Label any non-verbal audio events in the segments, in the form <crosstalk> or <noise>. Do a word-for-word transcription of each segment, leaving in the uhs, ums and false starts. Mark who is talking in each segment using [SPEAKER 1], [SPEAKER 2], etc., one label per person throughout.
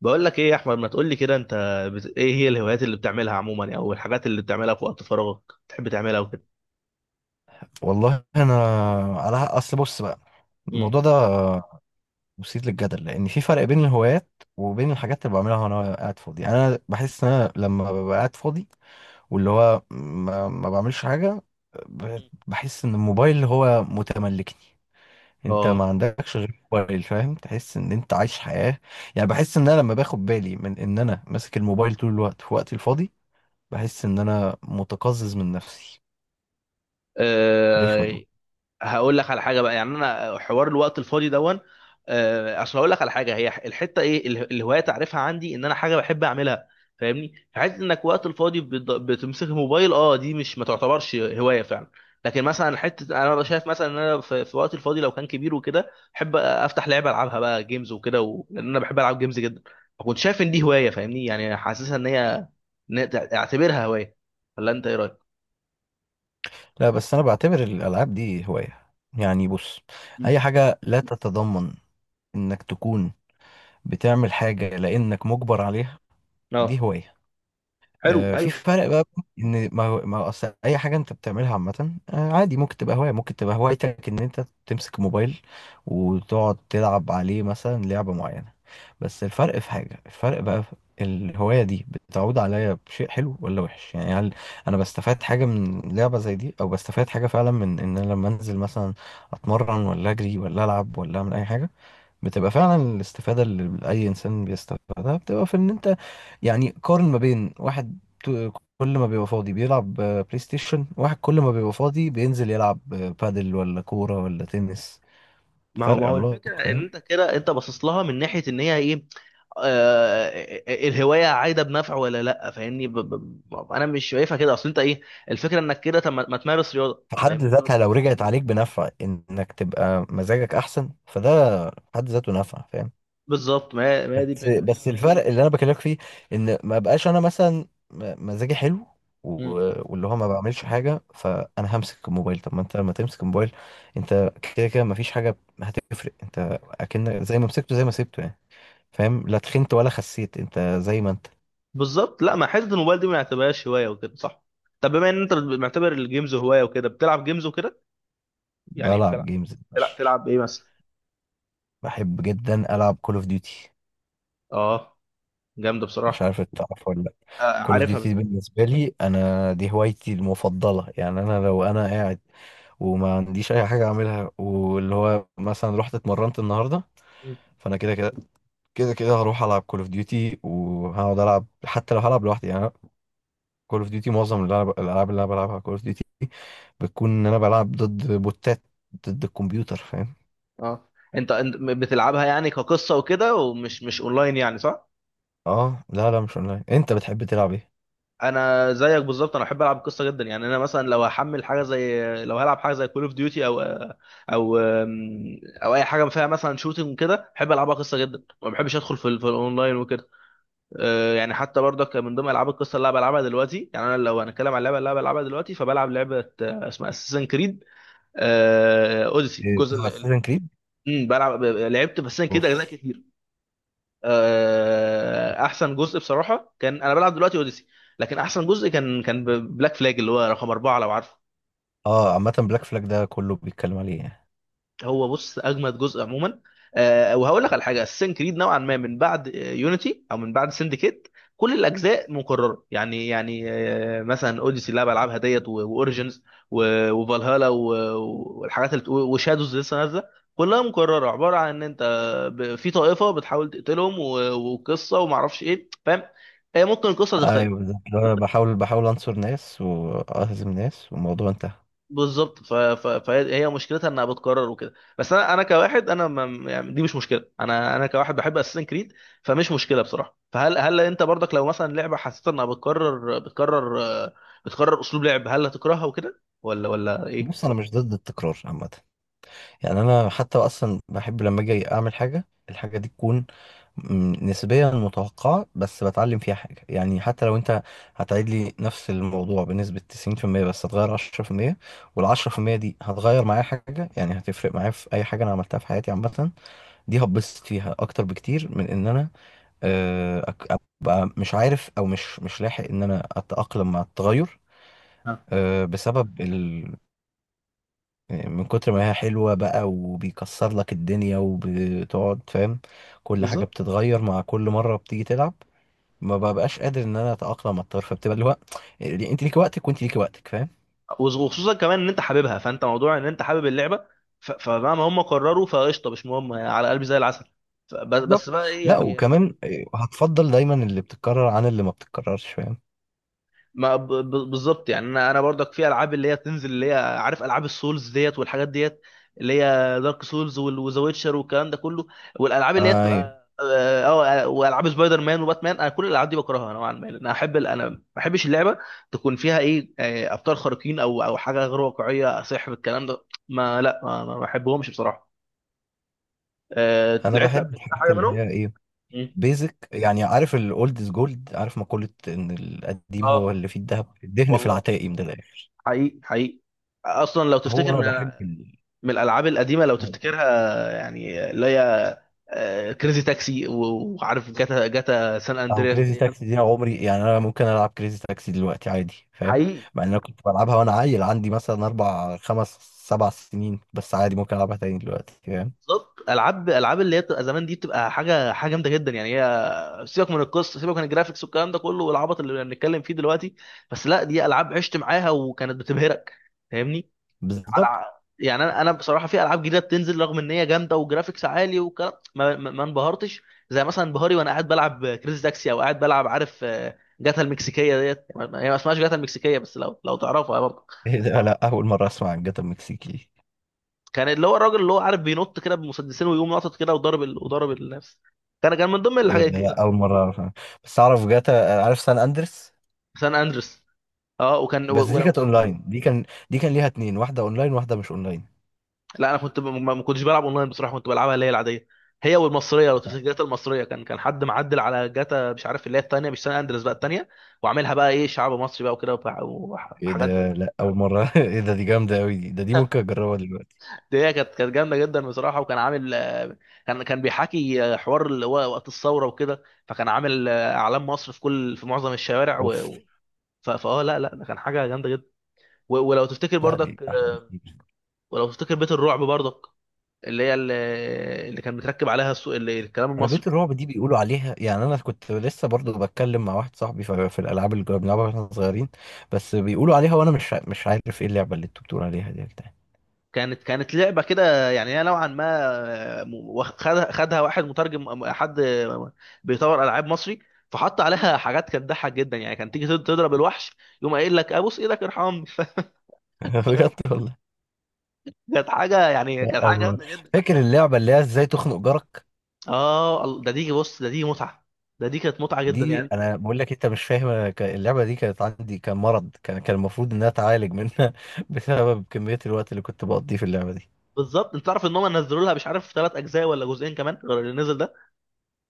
[SPEAKER 1] بقول لك ايه يا احمد ما تقول لي كده انت بت... ايه هي الهوايات اللي بتعملها عموما يعني، او الحاجات اللي بتعملها في وقت فراغك بتحب تعملها وكده.
[SPEAKER 2] والله انا، على اصل بص بقى،
[SPEAKER 1] مم.
[SPEAKER 2] الموضوع ده مثير للجدل لان في فرق بين الهوايات وبين الحاجات اللي بعملها وانا قاعد فاضي. يعني انا بحس ان انا لما ببقى قاعد فاضي واللي هو ما, ما بعملش حاجه، ب- بحس ان الموبايل هو متملكني. انت ما
[SPEAKER 1] اه
[SPEAKER 2] عندكش غير الموبايل، فاهم؟ تحس ان انت عايش حياه. يعني بحس ان انا لما باخد بالي من ان انا ماسك الموبايل طول الوقت في وقتي الفاضي، بحس ان انا متقزز من نفسي، رخمه.
[SPEAKER 1] هقول لك على حاجه بقى يعني انا حوار الوقت الفاضي دون آه، اصل هقول لك على حاجه هي الحته ايه ال- الهوايه تعرفها عندي ان انا حاجه بحب اعملها فاهمني فحته انك وقت الفاضي بت- بتمسك الموبايل اه دي مش ما تعتبرش هوايه فعلا. لكن مثلا حته انا ببقى شايف مثلا ان انا في في وقت الفاضي لو كان كبير وكده احب افتح لعبه العبها بقى جيمز وكده و... لان انا بحب العب جيمز جدا. فكنت شايف ان دي هوايه فاهمني يعني حاسسها ان هي إن هي تع- اعتبرها هوايه، ولا انت ايه رايك؟
[SPEAKER 2] لا بس انا بعتبر الالعاب دي هوايه. يعني بص،
[SPEAKER 1] مم.
[SPEAKER 2] اي حاجه لا تتضمن انك تكون بتعمل حاجه لانك مجبر عليها، دي
[SPEAKER 1] اه
[SPEAKER 2] هوايه.
[SPEAKER 1] حلو
[SPEAKER 2] آه، في
[SPEAKER 1] ايوه بالظبط.
[SPEAKER 2] فرق بقى، ان ما هو- ما هو اصل اي حاجه انت بتعملها عامه، آه، عادي، ممكن تبقى هوايه، ممكن تبقى هوايتك ان انت تمسك موبايل وتقعد تلعب عليه مثلا لعبه معينه. بس الفرق في حاجه، الفرق بقى في الهوايه دي بتعود عليا بشيء حلو ولا وحش. يعني هل انا بستفاد حاجه من لعبه زي دي، او بستفاد حاجه فعلا من ان انا لما انزل مثلا اتمرن ولا اجري ولا العب ولا اعمل اي حاجه؟ بتبقى فعلا الاستفادة اللي أي إنسان بيستفادها بتبقى في إن أنت، يعني قارن ما بين واحد تو- كل ما بيبقى فاضي بيلعب، آه، بلاي ستيشن، واحد كل ما بيبقى فاضي بينزل يلعب آه، بادل ولا كورة ولا تنس.
[SPEAKER 1] ما هو
[SPEAKER 2] فرق
[SPEAKER 1] ما هو الفكره
[SPEAKER 2] عملاق،
[SPEAKER 1] ان
[SPEAKER 2] فاهم؟
[SPEAKER 1] انت كده انت باصص لها من ناحيه ان هي ايه. آه آه، آه، الهوايه عايده بنفع ولا لا فاهمني ب ب ب- انا مش شايفها كده. اصل انت ايه الفكره انك كده طب ما ما تمارس رياضه
[SPEAKER 2] في حد بالظبط
[SPEAKER 1] فاهمني.
[SPEAKER 2] ذاتها، لو رجعت عليك بنفع إنك تبقى مزاجك أحسن فده في حد ذاته نفع، فاهم؟
[SPEAKER 1] بالظبط ما هي ما هي دي
[SPEAKER 2] بس
[SPEAKER 1] الفكره.
[SPEAKER 2] بس الفرق اللي انا بكلمك فيه، ان ما بقاش انا مثلا م- مزاجي حلو
[SPEAKER 1] مم.
[SPEAKER 2] و- واللي هو ما بعملش حاجه، فانا همسك الموبايل. طب ما انت لما تمسك الموبايل، انت كده كده ما فيش حاجه هتفرق. انت اكن زي ما مسكته زي ما سبته يعني، فاهم؟ لا تخنت ولا خسيت، انت زي ما انت.
[SPEAKER 1] بالظبط لا ما حته الموبايل دي ما نعتبرهاش هوايه وكده صح. طب بما ان انت معتبر الجيمز هوايه وكده بتلعب جيمز وكده يعني
[SPEAKER 2] بلعب
[SPEAKER 1] بتلعب،
[SPEAKER 2] جيمز
[SPEAKER 1] بتلعب
[SPEAKER 2] ماشي.
[SPEAKER 1] تلعب ايه مثلا؟
[SPEAKER 2] بحب جدا العب كول اوف ديوتي،
[SPEAKER 1] اه جامده
[SPEAKER 2] مش
[SPEAKER 1] بصراحه.
[SPEAKER 2] عارف انت تعرف ولا لا.
[SPEAKER 1] آه
[SPEAKER 2] كول اوف
[SPEAKER 1] عارفها بت...
[SPEAKER 2] ديوتي بالنسبه لي انا دي هوايتي المفضله. يعني انا لو انا قاعد وما عنديش اي حاجه اعملها، واللي هو مثلا رحت اتمرنت النهارده،
[SPEAKER 1] مم.
[SPEAKER 2] فانا كده كده كده كده هروح العب كول اوف ديوتي وهقعد العب حتى لو هلعب لوحدي يعني. كول اوف ديوتي، معظم الألعاب، الألعاب اللي انا بلعبها كول اوف ديوتي، بتكون ان انا بلعب ضد بوتات، ضد الكمبيوتر، فاهم؟
[SPEAKER 1] اه. انت انت بتلعبها يعني كقصه وكده، ومش مش اونلاين يعني صح؟
[SPEAKER 2] اه لا لا، مش اونلاين. انت بتحب تلعب ايه؟
[SPEAKER 1] انا زيك بالظبط، انا بحب العب القصه جدا. يعني انا مثلا لو هحمل حاجه زي، لو هلعب حاجه زي كول اوف ديوتي او او او اي حاجه فيها مثلا شوتنج كده بحب العبها قصه جدا، ما بحبش ادخل في ال- في الاونلاين وكده. آه، يعني حتى برضك من ضمن العاب القصه اللي انا بلعبها دلوقتي. يعني انا لو هنتكلم عن اللعبه اللي انا بلعبها دلوقتي فبلعب لعبه آه، اسمها اساسن كريد اوديسي
[SPEAKER 2] إيه،
[SPEAKER 1] الجزء
[SPEAKER 2] بتلعب
[SPEAKER 1] ال- ال-
[SPEAKER 2] اساسن كريد؟
[SPEAKER 1] مم، بلعب لعبت بس كده اجزاء
[SPEAKER 2] اوف.
[SPEAKER 1] كتير. آه، احسن جزء بصراحه كان، انا بلعب دلوقتي اوديسي، لكن احسن جزء كان كان بلاك فلاج اللي هو رقم اربعه لو عارفه.
[SPEAKER 2] اه، عامة بلاك فلاج ده كله بيتكلم عليه يعني.
[SPEAKER 1] هو بص اجمد جزء عموما. آه وهقول لك على حاجه، السين كريد نوعا ما من بعد يونيتي او من بعد سندكيت كل الاجزاء مكرره. يعني يعني آه مثلا اوديسي اللي أنا بلعبها ديت واوريجنز وفالهالا و- والحاجات اللي بتقو- وشادوز لسه نازله، كلها مكرره، عباره عن ان انت ب- في طائفه بتحاول تقتلهم و- وقصه وما اعرفش ايه فاهم. آه، ممكن القصه تختلف.
[SPEAKER 2] ايوه بالظبط، انا بحاول بحاول انصر ناس واهزم ناس والموضوع انتهى.
[SPEAKER 1] بالظبط، ف... ف... فهي هي مشكلتها انها بتكرر وكده، بس انا انا كواحد انا ما... يعني دي مش مشكله، انا انا كواحد بحب اساسن كريد فمش مشكله بصراحه. فهل هل انت برضك لو مثلا لعبه حسيت انها بتكرر، بتكرر بتكرر اسلوب لعب، هل هتكرهها وكده ولا ولا
[SPEAKER 2] بص
[SPEAKER 1] ايه؟
[SPEAKER 2] انا مش ضد التكرار عامة. يعني انا حتى اصلا بحب لما اجي اعمل حاجه الحاجه دي تكون م- نسبيا متوقعه بس بتعلم فيها حاجه. يعني حتى لو انت هتعيد لي نفس الموضوع بنسبه تسعين بالمية بس هتغير عشرة بالمية، وال عشرة بالمية دي هتغير معايا حاجه يعني، هتفرق معايا في اي حاجه انا عملتها في حياتي عامه. دي هتبسط فيها اكتر بكتير من ان انا، آه، أك- ابقى مش عارف، او مش مش لاحق ان انا اتاقلم مع التغير.
[SPEAKER 1] آه.
[SPEAKER 2] آه، بسبب من كتر ما هي حلوة بقى وبيكسر لك الدنيا وبتقعد، فاهم؟ كل حاجة
[SPEAKER 1] بالظبط.
[SPEAKER 2] بتتغير مع كل مرة بتيجي تلعب، ما ببقاش قادر ان انا اتأقلم على الطرف. فبتبقى اللي هو انت ليك وقتك وانت ليك وقتك، فاهم؟
[SPEAKER 1] وخصوصا كمان ان انت حاببها، فانت موضوع ان انت حابب اللعبه ف... فمهما هم قرروا فقشطه مش مهم يعني، على قلبي زي العسل. ف... بس
[SPEAKER 2] بالظبط.
[SPEAKER 1] بس بقى ايه
[SPEAKER 2] لا
[SPEAKER 1] يعني.
[SPEAKER 2] وكمان، هتفضل دايما اللي بتتكرر عن اللي ما بتتكررش، فاهم؟
[SPEAKER 1] ما ب- ب- بالظبط، يعني انا انا برضك في العاب اللي هي بتنزل اللي هي عارف العاب السولز ديت والحاجات ديت اللي هي دارك سولز وذا ويتشر والكلام ده كله، والالعاب اللي هي
[SPEAKER 2] ايوه.
[SPEAKER 1] بتبقى اه آه، والعاب سبايدر مان وباتمان. انا كل الالعاب دي بكرهها نوعا ما لان انا احب ال- انا ما بحبش اللعبه تكون فيها ايه آه، ابطال خارقين او او حاجه غير واقعيه، سحر الكلام ده ما لا ما ما بحبهمش بصراحه. آه،
[SPEAKER 2] انا
[SPEAKER 1] لعبت
[SPEAKER 2] بحب
[SPEAKER 1] قبل كده
[SPEAKER 2] الحاجات
[SPEAKER 1] حاجه
[SPEAKER 2] اللي
[SPEAKER 1] منهم؟
[SPEAKER 2] هي ايه،
[SPEAKER 1] مم.
[SPEAKER 2] بيزك. يعني عارف الاولد از جولد، عارف مقولة ان القديم هو
[SPEAKER 1] اه
[SPEAKER 2] اللي فيه الذهب، الدهن في
[SPEAKER 1] والله،
[SPEAKER 2] العتاقي من الاخر.
[SPEAKER 1] حقيقي حقيقي اصلا لو
[SPEAKER 2] هو
[SPEAKER 1] تفتكر
[SPEAKER 2] انا
[SPEAKER 1] من
[SPEAKER 2] بحب ال...
[SPEAKER 1] من الالعاب القديمه لو تفتكرها، يعني اللي هي كريزي تاكسي، وعارف جاتا، جاتا سان
[SPEAKER 2] او
[SPEAKER 1] اندرياس
[SPEAKER 2] كريزي
[SPEAKER 1] ديت.
[SPEAKER 2] تاكسي دي انا عمري، يعني انا ممكن العب كريزي تاكسي دلوقتي عادي، فاهم؟
[SPEAKER 1] حقيقي.
[SPEAKER 2] مع ان انا كنت بلعبها وانا عيل عندي مثلا اربع خمس سبع سنين، بس عادي ممكن العبها تاني دلوقتي، فاهم؟
[SPEAKER 1] بالظبط، العاب العاب اللي هي بتبقى زمان دي بتبقى حاجه، حاجه جامده جدا. يعني هي، سيبك من القصه، سيبك من الجرافيكس والكلام ده كله والعبط اللي بنتكلم فيه دلوقتي، بس لا دي العاب عشت معاها وكانت بتبهرك
[SPEAKER 2] بالظبط.
[SPEAKER 1] على. يعني انا انا بصراحه في العاب جديده بتنزل رغم ان هي جامده وجرافيكس عالي وكلام ما, ما ما انبهرتش زي مثلا انبهاري وانا قاعد بلعب كريز تاكسي او قاعد بلعب عارف آه، جاتا المكسيكيه ديت. ما- هي ما اسمهاش جاتا المكسيكيه بس لو لو تعرفها برضه.
[SPEAKER 2] <laughs> ايه ده، لا اول مره اسمع عن جاتا المكسيكي دي.
[SPEAKER 1] كان اللي هو الراجل اللي هو عارف بينط كده بمسدسين ويقوم ناطط كده وضرب ال... وضرب الناس. كان كان من ضمن
[SPEAKER 2] ايه
[SPEAKER 1] الحاجات.
[SPEAKER 2] ده، لا اول مره اعرف عنها. بس اعرف جاتا، عارف سان اندرس.
[SPEAKER 1] سان اندرس اه، وكان
[SPEAKER 2] بس
[SPEAKER 1] و-
[SPEAKER 2] دي كانت
[SPEAKER 1] ولو
[SPEAKER 2] اونلاين، دي كان دي كان ليها اتنين، واحده اونلاين واحده مش اونلاين.
[SPEAKER 1] لا انا كنت ب- ما ما كنتش بلعب اونلاين بصراحه، كنت بلعبها اللي هي العاديه هي والمصريه. لو تفتكر جاتا المصريه، كان كان حد معدل على جاتا مش عارف اللي هي الثانيه، مش سان اندريس بقى الثانيه، وعاملها بقى ايه شعب مصري بقى وكده وح- وح-
[SPEAKER 2] ايه
[SPEAKER 1] وحاجات زي
[SPEAKER 2] ده، لا اول مره. <laughs> ايه ده، دي جامده قوي دي، ده دي ممكن اجربها دلوقتي.
[SPEAKER 1] دي. هي كانت كانت جامده جدا بصراحه، وكان عامل آه، كان كان بيحكي آه، حوار اللي هو وقت الثوره وكده، فكان عامل آه، اعلام مصر في كل في معظم الشوارع و...
[SPEAKER 2] اوف.
[SPEAKER 1] و- ف- فاه لا لا ده كان حاجه جامده جدا. و- ولو تفتكر
[SPEAKER 2] لا دي
[SPEAKER 1] برضك
[SPEAKER 2] احلى
[SPEAKER 1] آه،
[SPEAKER 2] بكتير.
[SPEAKER 1] ولو تفتكر بيت الرعب برضك، اللي هي اللي اللي كان متركب عليها السو... اللي الكلام
[SPEAKER 2] انا
[SPEAKER 1] المصري.
[SPEAKER 2] بيت الرعب دي بيقولوا عليها، يعني انا كنت لسه برضو بتكلم مع واحد صاحبي في في الالعاب اللي كنا بنلعبها واحنا صغيرين، بس بيقولوا عليها وانا مش ع- مش عارف ايه اللعبه اللي انتوا بتقولوا عليها دي يا جدعان.
[SPEAKER 1] كانت كانت لعبه كده يعني، هي نوعا ما آه، م- واخ- خدها خدها واحد مترجم، حد بيطور العاب مصري، فحط عليها حاجات كانت تضحك جدا، يعني كان تيجي تض- تضرب الوحش يقوم قايل لك ابوس ايدك ارحمني.
[SPEAKER 2] <laughs>
[SPEAKER 1] <laughs> فكانت
[SPEAKER 2] بجد والله.
[SPEAKER 1] كانت حاجه، يعني
[SPEAKER 2] لا،
[SPEAKER 1] كانت حاجه
[SPEAKER 2] أم-
[SPEAKER 1] جامده جدا.
[SPEAKER 2] فاكر اللعبه اللي هي ازاي تخنق جارك؟
[SPEAKER 1] اه ال- ده دي بص، ده دي متعه، ده دي كانت متعه جدا
[SPEAKER 2] دي
[SPEAKER 1] يعني انت.
[SPEAKER 2] انا بقول لك انت مش فاهم، أنا ك- اللعبه دي كانت عندي كان مرض، كان كان المفروض انها اتعالج منها. <laughs> بسبب كميه الوقت اللي كنت بقضيه في اللعبه دي.
[SPEAKER 1] بالظبط، انت تعرف ان هم نزلوا لها مش عارف ثلاث اجزاء ولا جزئين كمان غير اللي نزل ده.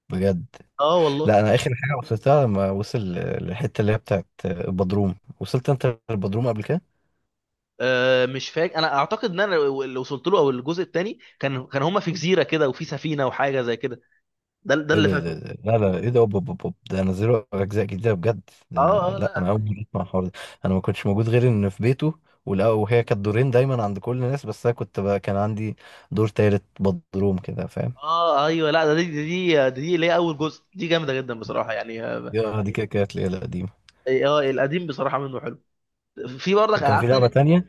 [SPEAKER 2] بجد.
[SPEAKER 1] اه والله.
[SPEAKER 2] لا انا اخر حاجه وصلتها لما وصل للحته اللي هي بتاعت البدروم. وصلت انت البدروم قبل كده؟
[SPEAKER 1] آه، مش فاكر، انا اعتقد ان انا اللي وصلت له، او الجزء الثاني كان كان هما في جزيره كده وفي سفينه وحاجه زي كده، ده ده
[SPEAKER 2] ايه
[SPEAKER 1] اللي
[SPEAKER 2] ده، ده-
[SPEAKER 1] فاكره.
[SPEAKER 2] ده- لا لا ايه ده، أوب أوب أوب أوب. ده نزلوا اجزاء جديده بجد؟ ده
[SPEAKER 1] اه
[SPEAKER 2] انا،
[SPEAKER 1] اه
[SPEAKER 2] لا
[SPEAKER 1] لا
[SPEAKER 2] انا اول
[SPEAKER 1] هتلاقي.
[SPEAKER 2] مره اسمع الحوار ده. انا ما كنتش موجود غير ان في بيته، ولا وهي كانت دورين دايما عند كل الناس، بس انا كنت بقى كان عندي دور تالت بدروم كده، فاهم؟
[SPEAKER 1] اه ايوه، لا ده دي دي دي دي اللي هي اول جزء دي جامده جدا بصراحه يعني اه.
[SPEAKER 2] يا دي كده كده الليله القديمه.
[SPEAKER 1] آه، القديم بصراحه منه حلو. في برضك
[SPEAKER 2] وكان في
[SPEAKER 1] العاب تانية
[SPEAKER 2] لعبه
[SPEAKER 1] كتير
[SPEAKER 2] تانية.
[SPEAKER 1] أوي.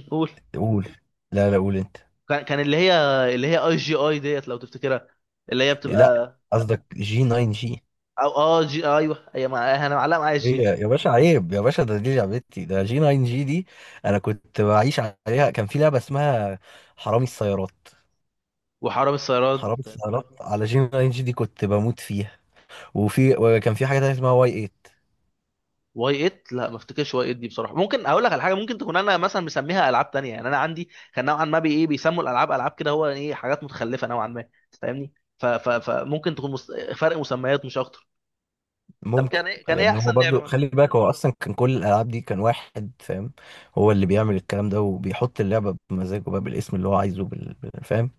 [SPEAKER 1] مم، قول.
[SPEAKER 2] قول. لا لا، قول انت.
[SPEAKER 1] كان كان اللي هي اللي هي اي جي اي ديت لو تفتكرها، اللي هي
[SPEAKER 2] لا
[SPEAKER 1] بتبقى.
[SPEAKER 2] قصدك جي تسعة جي.
[SPEAKER 1] او اه جي ايوه، هي مع- انا معلقه معايا
[SPEAKER 2] ايه
[SPEAKER 1] جي.
[SPEAKER 2] يا يا باشا، عيب يا باشا، ده دي لعبتي، ده جي تسعة جي دي، انا كنت بعيش عليها. كان في لعبه اسمها حرامي السيارات.
[SPEAKER 1] وحرامي السيارات.
[SPEAKER 2] حرام اتعرفت على جين ان جي دي، كنت بموت فيها. وفي، وكان في حاجه تانية اسمها واي تمانية.
[SPEAKER 1] واي تمانية. لا ما افتكرش واي تمانية دي بصراحه، ممكن اقول لك على حاجه ممكن تكون انا مثلا مسميها العاب تانية. يعني انا عندي كان نوعا ما بي ايه بيسموا الالعاب العاب كده هو ايه حاجات متخلفه نوعا ما فاهمني. ف- ف- فممكن تكون مست... فرق مسميات مش اكتر. طب
[SPEAKER 2] ممكن.
[SPEAKER 1] كان ايه، كان ايه
[SPEAKER 2] لان هو
[SPEAKER 1] احسن لعبه
[SPEAKER 2] برضو
[SPEAKER 1] مثلا؟
[SPEAKER 2] خلي بالك، هو اصلا كان كل الالعاب دي كان واحد، فاهم؟ هو اللي بيعمل الكلام ده وبيحط اللعبه بمزاجه بقى، بالاسم اللي هو عايزه بال... بال- فاهم؟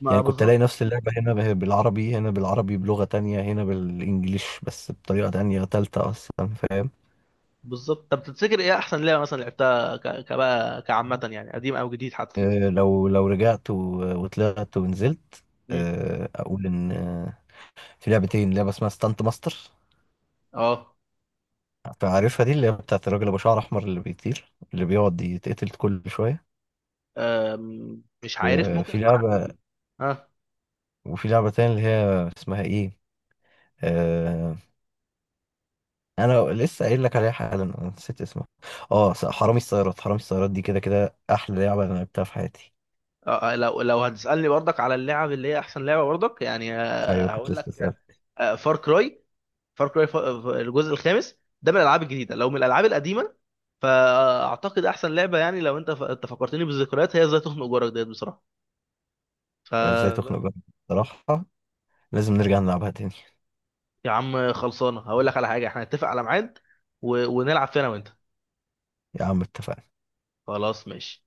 [SPEAKER 1] ما
[SPEAKER 2] يعني كنت الاقي
[SPEAKER 1] بالظبط.
[SPEAKER 2] نفس اللعبه هنا به- بالعربي، هنا بالعربي بلغه تانية، هنا بالانجليش، بس بطريقه تانية تالتة اصلا، فاهم؟
[SPEAKER 1] بالظبط، طب تفتكر ايه احسن لعبه مثلا لعبتها ك... كبقى كعامه يعني، قديم او جديد حتى؟
[SPEAKER 2] آه، لو لو رجعت و- وطلعت ونزلت،
[SPEAKER 1] مم.
[SPEAKER 2] آه، اقول ان آه، في لعبتين. لعبه اسمها ستانت ماستر،
[SPEAKER 1] اه.
[SPEAKER 2] عارفها دي اللي هي بتاعت الراجل ابو شعر احمر اللي بيطير، اللي بيقعد يتقتل كل شويه.
[SPEAKER 1] أم، مش عارف، ممكن
[SPEAKER 2] وفي
[SPEAKER 1] اكون عارف.
[SPEAKER 2] لعبه
[SPEAKER 1] اه
[SPEAKER 2] وفي لعبه تانية اللي هي اسمها ايه، آه انا لسه قايل لك عليها حالا، أنا نسيت اسمها. اه، س- حرامي السيارات. حرامي السيارات دي كده كده احلى لعبه انا لعبتها في حياتي.
[SPEAKER 1] آه، لو لو هتسالني برضك على اللعب اللي هي احسن لعبه برضك يعني آه،
[SPEAKER 2] ايوه كنت
[SPEAKER 1] هقول
[SPEAKER 2] لسه
[SPEAKER 1] لك
[SPEAKER 2] اسال.
[SPEAKER 1] فار كراي. فار كراي الجزء الخامس ده من الالعاب الجديده، لو من الالعاب القديمه فاعتقد احسن لعبه يعني لو انت ف... انت فكرتني بالذكريات هي ازاي تخنق جارك ديت بصراحه
[SPEAKER 2] ازاي
[SPEAKER 1] ف.
[SPEAKER 2] تخنق جارك بصراحه، لازم نرجع نلعبها تاني.
[SPEAKER 1] يا عم خلصانه، هقول لك على حاجه، احنا نتفق على ميعاد و... ونلعب فينا وانت.
[SPEAKER 2] يا عم اتفقنا.
[SPEAKER 1] خلاص ماشي.